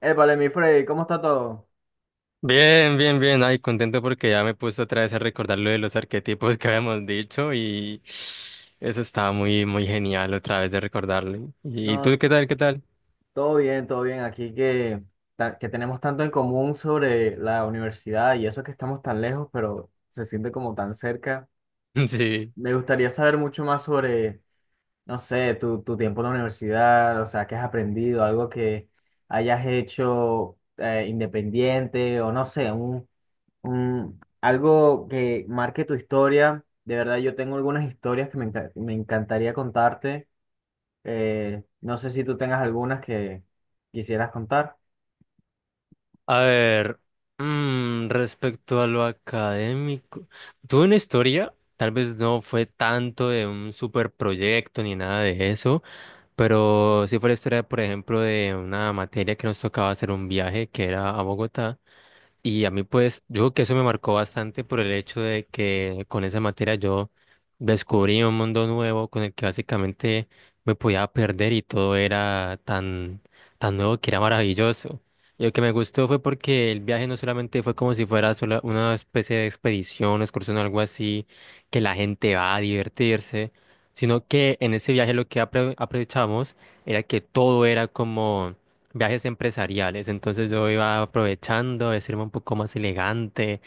Épale, mi Freddy, ¿cómo está todo? Bien, bien, bien. Ay, contento porque ya me puse otra vez a recordar lo de los arquetipos que habíamos dicho y eso estaba muy, muy genial otra vez de recordarlo. ¿Y tú No, qué tal? ¿Qué tal? todo bien, todo bien. Aquí que, que tenemos tanto en común sobre la universidad y eso que estamos tan lejos, pero se siente como tan cerca. Sí. Me gustaría saber mucho más sobre, no sé, tu tiempo en la universidad, o sea, qué has aprendido, algo que hayas hecho independiente o no sé, algo que marque tu historia. De verdad, yo tengo algunas historias que me encantaría contarte. No sé si tú tengas algunas que quisieras contar. A ver, respecto a lo académico, tuve una historia, tal vez no fue tanto de un super proyecto ni nada de eso, pero sí fue la historia, por ejemplo, de una materia que nos tocaba hacer un viaje que era a Bogotá. Y a mí, pues, yo creo que eso me marcó bastante por el hecho de que con esa materia yo descubrí un mundo nuevo con el que básicamente me podía perder y todo era tan, tan nuevo que era maravilloso. Y lo que me gustó fue porque el viaje no solamente fue como si fuera una especie de expedición, excursión o algo así, que la gente va a divertirse, sino que en ese viaje lo que aprovechamos era que todo era como viajes empresariales, entonces yo iba aprovechando, a vestirme un poco más elegante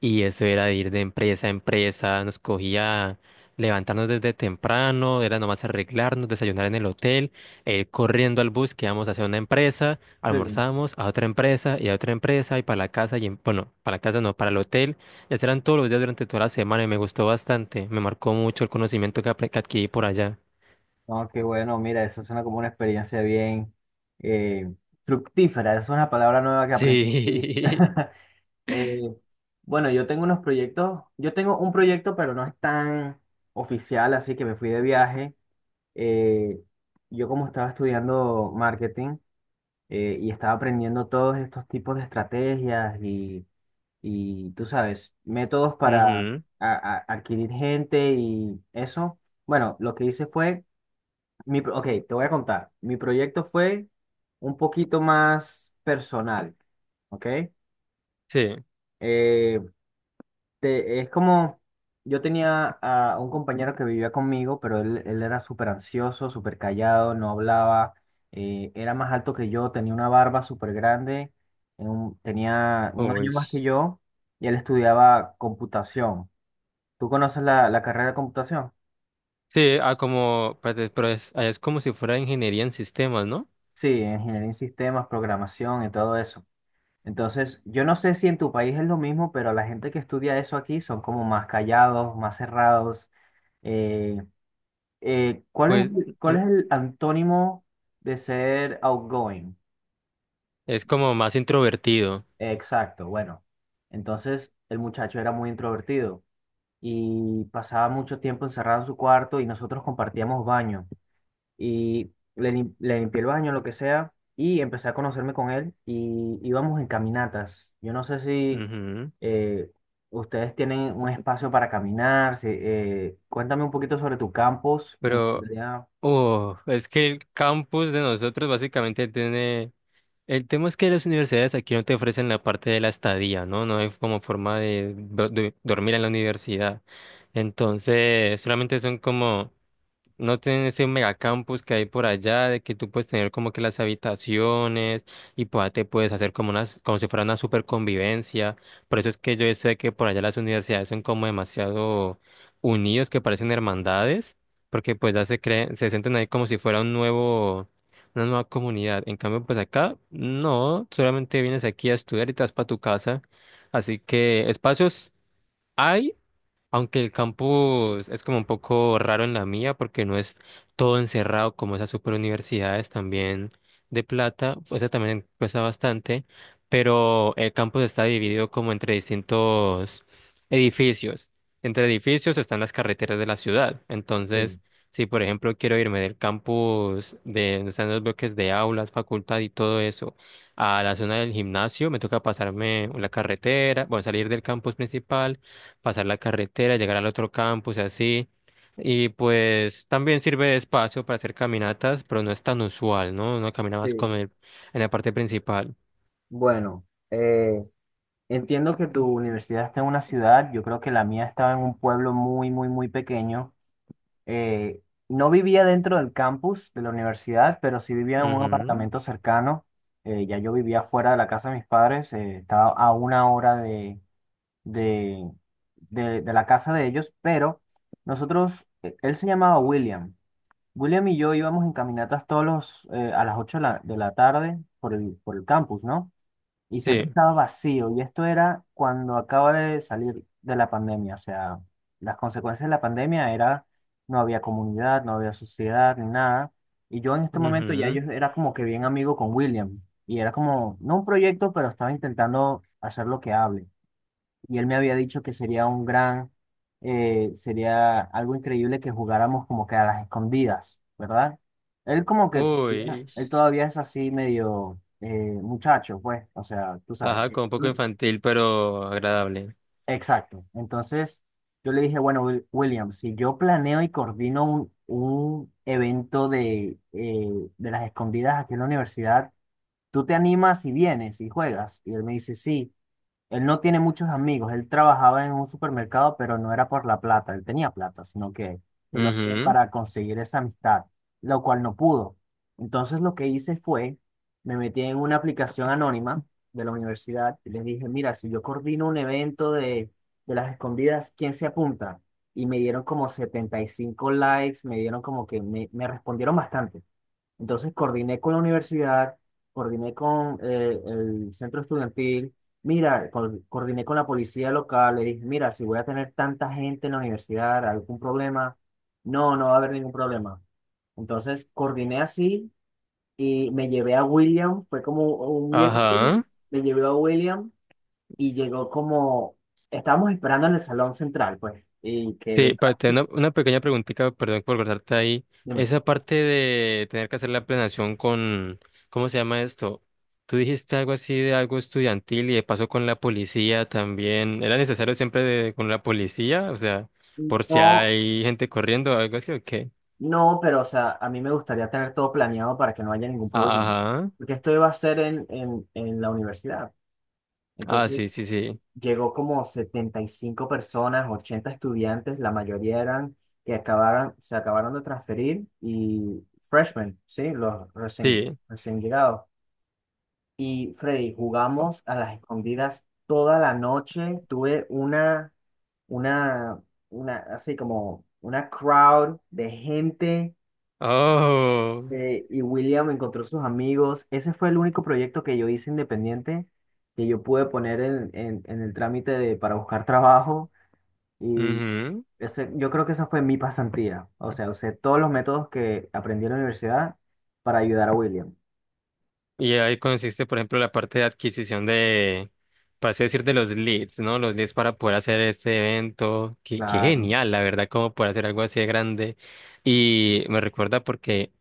y eso era de ir de empresa a empresa, nos cogía levantarnos desde temprano, era nomás arreglarnos, desayunar en el hotel, e ir corriendo al bus que íbamos hacia una empresa, Sí. almorzamos a otra empresa y a otra empresa y para la casa y bueno, para la casa no, para el hotel, y así eran todos los días durante toda la semana y me gustó bastante, me marcó mucho el conocimiento que, que adquirí por allá. No, qué bueno, mira, eso suena como una experiencia bien eh, fructífera, es una palabra nueva que aprendí. Sí. Sí. Eh, bueno, yo tengo unos proyectos, yo tengo un proyecto, pero no es tan oficial, así que me fui de viaje. Eh, yo como estaba estudiando marketing y estaba aprendiendo todos estos tipos de estrategias y tú sabes, métodos para Ujú. Adquirir gente y eso. Bueno, lo que hice fue, ok, te voy a contar, mi proyecto fue un poquito más personal, ¿ok? Sí. Eh, es como, yo tenía a un compañero que vivía conmigo, pero él era súper ansioso, súper callado, no hablaba, era más alto que yo, tenía una barba súper grande, tenía un Uy. año más que yo y él estudiaba computación. Tú conoces la carrera de computación. Sí, ah, como, espérate, pero es, ah, es como si fuera ingeniería en sistemas, ¿no? Sí, ingeniería en sistemas, programación y todo eso. Entonces, yo no sé si en tu país es lo mismo, pero la gente que estudia eso aquí son como más callados, más cerrados. Eh, ¿cuál es, Pues el- cuál mm, es el antónimo de ser outgoing? es como más introvertido. Exacto, bueno. Entonces, el muchacho era muy introvertido y pasaba mucho tiempo encerrado en su cuarto y nosotros compartíamos baño. Y le limpié el baño, lo que sea, y empecé a conocerme con él y íbamos en caminatas. Yo no sé si Ujú. eh, ustedes tienen un espacio para caminar, si, cuéntame un poquito sobre tu campus, me Pero, encantaría. oh, es que el campus de nosotros básicamente tiene... El tema es que las universidades aquí no te ofrecen la parte de la estadía, ¿no? No hay como forma de dormir en la universidad. Entonces, solamente son como... No tienen ese megacampus que hay por allá, de que tú puedes tener como que las habitaciones y pues, te puedes hacer como unas, como si fuera una super convivencia. Por eso es que yo sé que por allá las universidades son como demasiado unidos, que parecen hermandades, porque pues ya se creen, se sienten ahí como si fuera un nuevo, una nueva comunidad. En cambio, pues acá, no, solamente vienes aquí a estudiar y te vas para tu casa. Así que espacios hay. Aunque el campus es como un poco raro en la mía porque no es todo encerrado como esas super universidades también de plata, pues eso también cuesta bastante, pero el campus está dividido como entre distintos edificios. Entre edificios están las carreteras de la ciudad. Sí, Entonces, si por ejemplo quiero irme del campus de donde están los bloques de aulas, facultad y todo eso, a la zona del gimnasio, me toca pasarme la carretera, bueno, salir del campus principal pasar la carretera, llegar al otro campus y así. Y pues también sirve de espacio para hacer caminatas, pero no es tan usual, ¿no? Uno camina más con sí. el, en la parte principal. Bueno, entiendo que tu universidad está en una ciudad, yo creo que la mía estaba en un pueblo muy, muy, muy pequeño. eh, no vivía dentro del campus de la universidad, pero sí vivía en un Ujú. apartamento cercano. Ya yo vivía fuera de la casa de mis padres, estaba a 1 hora de, de la casa de ellos, pero él se llamaba William. William y yo íbamos en caminatas a las 8 de la tarde por el campus, ¿no? Y siempre Sí. estaba vacío. Y esto era cuando acaba de salir de la pandemia. O sea, las consecuencias de la pandemia era, no había comunidad, no había sociedad, ni nada. Y yo en este momento ya Ujú. yo era como que bien amigo con William. Y era como, no un proyecto, pero estaba intentando hacer lo que hable y él me había dicho que sería sería algo increíble que jugáramos como que a las escondidas, ¿verdad? Uy. Él todavía es así medio muchacho, pues, o sea, tú sabes. Ajá, con un poco infantil, pero agradable. Exacto. Entonces yo le dije, bueno, William, si yo planeo y coordino un evento de las escondidas aquí en la universidad, ¿tú te animas y vienes y juegas? Y él me dice, sí. Él no tiene muchos amigos. Él trabajaba en un supermercado, pero no era por la plata. Él tenía plata, sino que él lo hacía Ujú. para conseguir esa amistad, lo cual no pudo. Entonces lo que hice fue, me metí en una aplicación anónima de la universidad y les dije, mira, si yo coordino un evento de las escondidas, ¿quién se apunta? Y me dieron como 75 likes, me dieron como que me respondieron bastante. Entonces coordiné con la universidad, coordiné con el centro estudiantil, mira, coordiné con la policía local, le dije, mira, si voy a tener tanta gente en la universidad, ¿algún problema? No, no va a haber ningún problema. Entonces coordiné así y me llevé a William, fue como un Ajá. miércoles, me llevé a William y llegó como, estábamos esperando en el salón central, pues, y que Sí, venga, para tener una pequeña preguntita, perdón por cortarte ahí. dime. Esa parte de tener que hacer la planeación con, ¿cómo se llama esto? Tú dijiste algo así de algo estudiantil y de paso con la policía también. ¿Era necesario siempre con la policía? O sea, por si No, hay gente corriendo o algo así o qué. no, pero o sea, a mí me gustaría tener todo planeado para que no haya ningún Ah, problema. ajá. Porque esto iba a ser en la universidad. Ah, Entonces sí, sí, sí. llegó como 75 personas, 80 estudiantes, la mayoría eran que acabaron, se acabaron de transferir y freshmen, ¿sí? Los recién, Sí. recién llegados. Y Freddy, jugamos a las escondidas toda la noche. Tuve una, una, así como una crowd de gente. Oh. Y William encontró sus amigos. Ese fue el único proyecto que yo hice independiente, que yo pude poner en, en el trámite para buscar trabajo. Y yo creo que esa fue mi pasantía. O sea, usé todos los métodos que aprendí en la universidad para ayudar a William. Y ahí consiste, por ejemplo, la parte de adquisición de, para así decir, de los leads, ¿no? Los leads para poder hacer este evento. Qué, qué Claro. genial, la verdad, como poder hacer algo así de grande. Y me recuerda porque,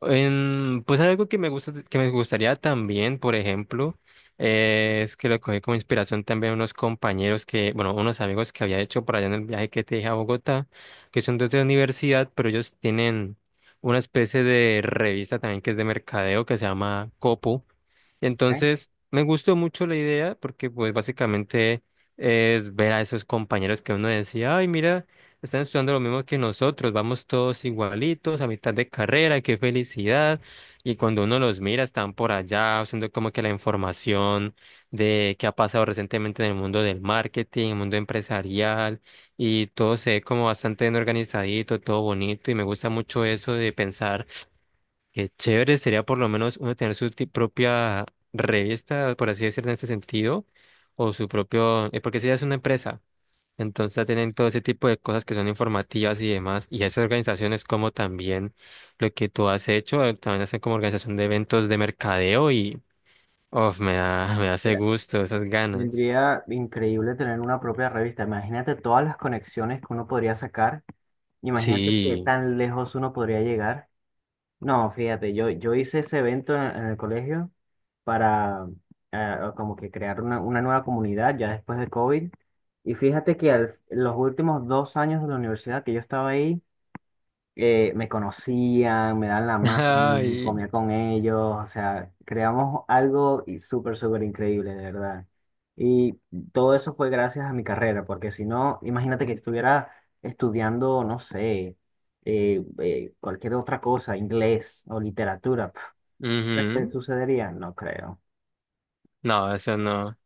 en, pues algo que me gusta, que me gustaría también, por ejemplo, es que lo cogí como inspiración también unos compañeros que, bueno, unos amigos que había hecho por allá en el viaje que te dije a Bogotá, que son de otra universidad, pero ellos tienen una especie de revista también que es de mercadeo que se llama Copo. ¿Eh? Entonces, me gustó mucho la idea porque pues básicamente es ver a esos compañeros que uno decía, ay, mira, están estudiando lo mismo que nosotros, vamos todos igualitos, a mitad de carrera, qué felicidad. Y cuando uno los mira, están por allá haciendo como que la información de qué ha pasado recientemente en el mundo del marketing, el mundo empresarial, y todo se ve como bastante bien organizadito, todo bonito, y me gusta mucho eso de pensar. Qué chévere sería por lo menos uno tener su propia revista, por así decirlo, en este sentido, o su propio, porque si ya es una empresa, entonces ya tienen todo ese tipo de cosas que son informativas y demás, y esas organizaciones como también lo que tú has hecho, también hacen como organización de eventos de mercadeo y, uf, me da, me da ese Mira, gusto, esas ganas. vendría increíble tener una propia revista. Imagínate todas las conexiones que uno podría sacar. Imagínate qué Sí. tan lejos uno podría llegar. No, fíjate, yo hice ese evento en el colegio para como que crear una nueva comunidad ya después de COVID. Y fíjate que los últimos 2 años de la universidad que yo estaba ahí, me conocían, me dan la mano, Ay. comía con ellos, o sea, creamos algo y súper, súper increíble, de verdad. Y todo eso fue gracias a mi carrera, porque si no, imagínate que estuviera estudiando, no sé, cualquier otra cosa, inglés o literatura, pf, ¿qué Ujú. sucedería? No creo, No, eso no.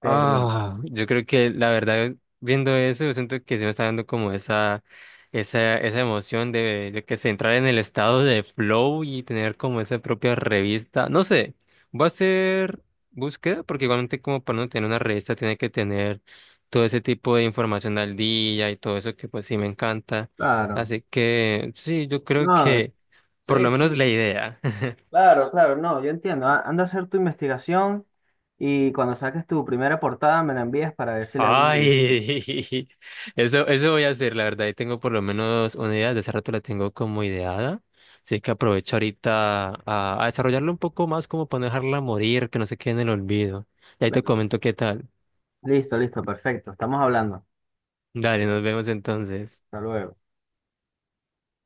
pero Ah, yo creo que la verdad, viendo eso, yo siento que se me está dando como esa emoción de, yo que sé, entrar en el estado de flow y tener como esa propia revista. No sé, voy a hacer búsqueda, porque igualmente como para no tener una revista tiene que tener todo ese tipo de información al día y todo eso que pues sí me encanta. claro, Así que sí, yo creo no, que por sí, lo menos sí, la idea. claro, claro, no, yo entiendo. Anda a hacer tu investigación y cuando saques tu primera portada me la envías para ver si le hago una edición. Ay, eso voy a hacer, la verdad. Y tengo por lo menos una idea, de hace rato la tengo como ideada. Así que aprovecho ahorita a desarrollarla un poco más, como para no dejarla morir, que no se quede en el olvido. Y ahí te Claro. comento qué tal. Listo, listo, perfecto. Estamos hablando. Dale, nos vemos entonces. Hasta luego.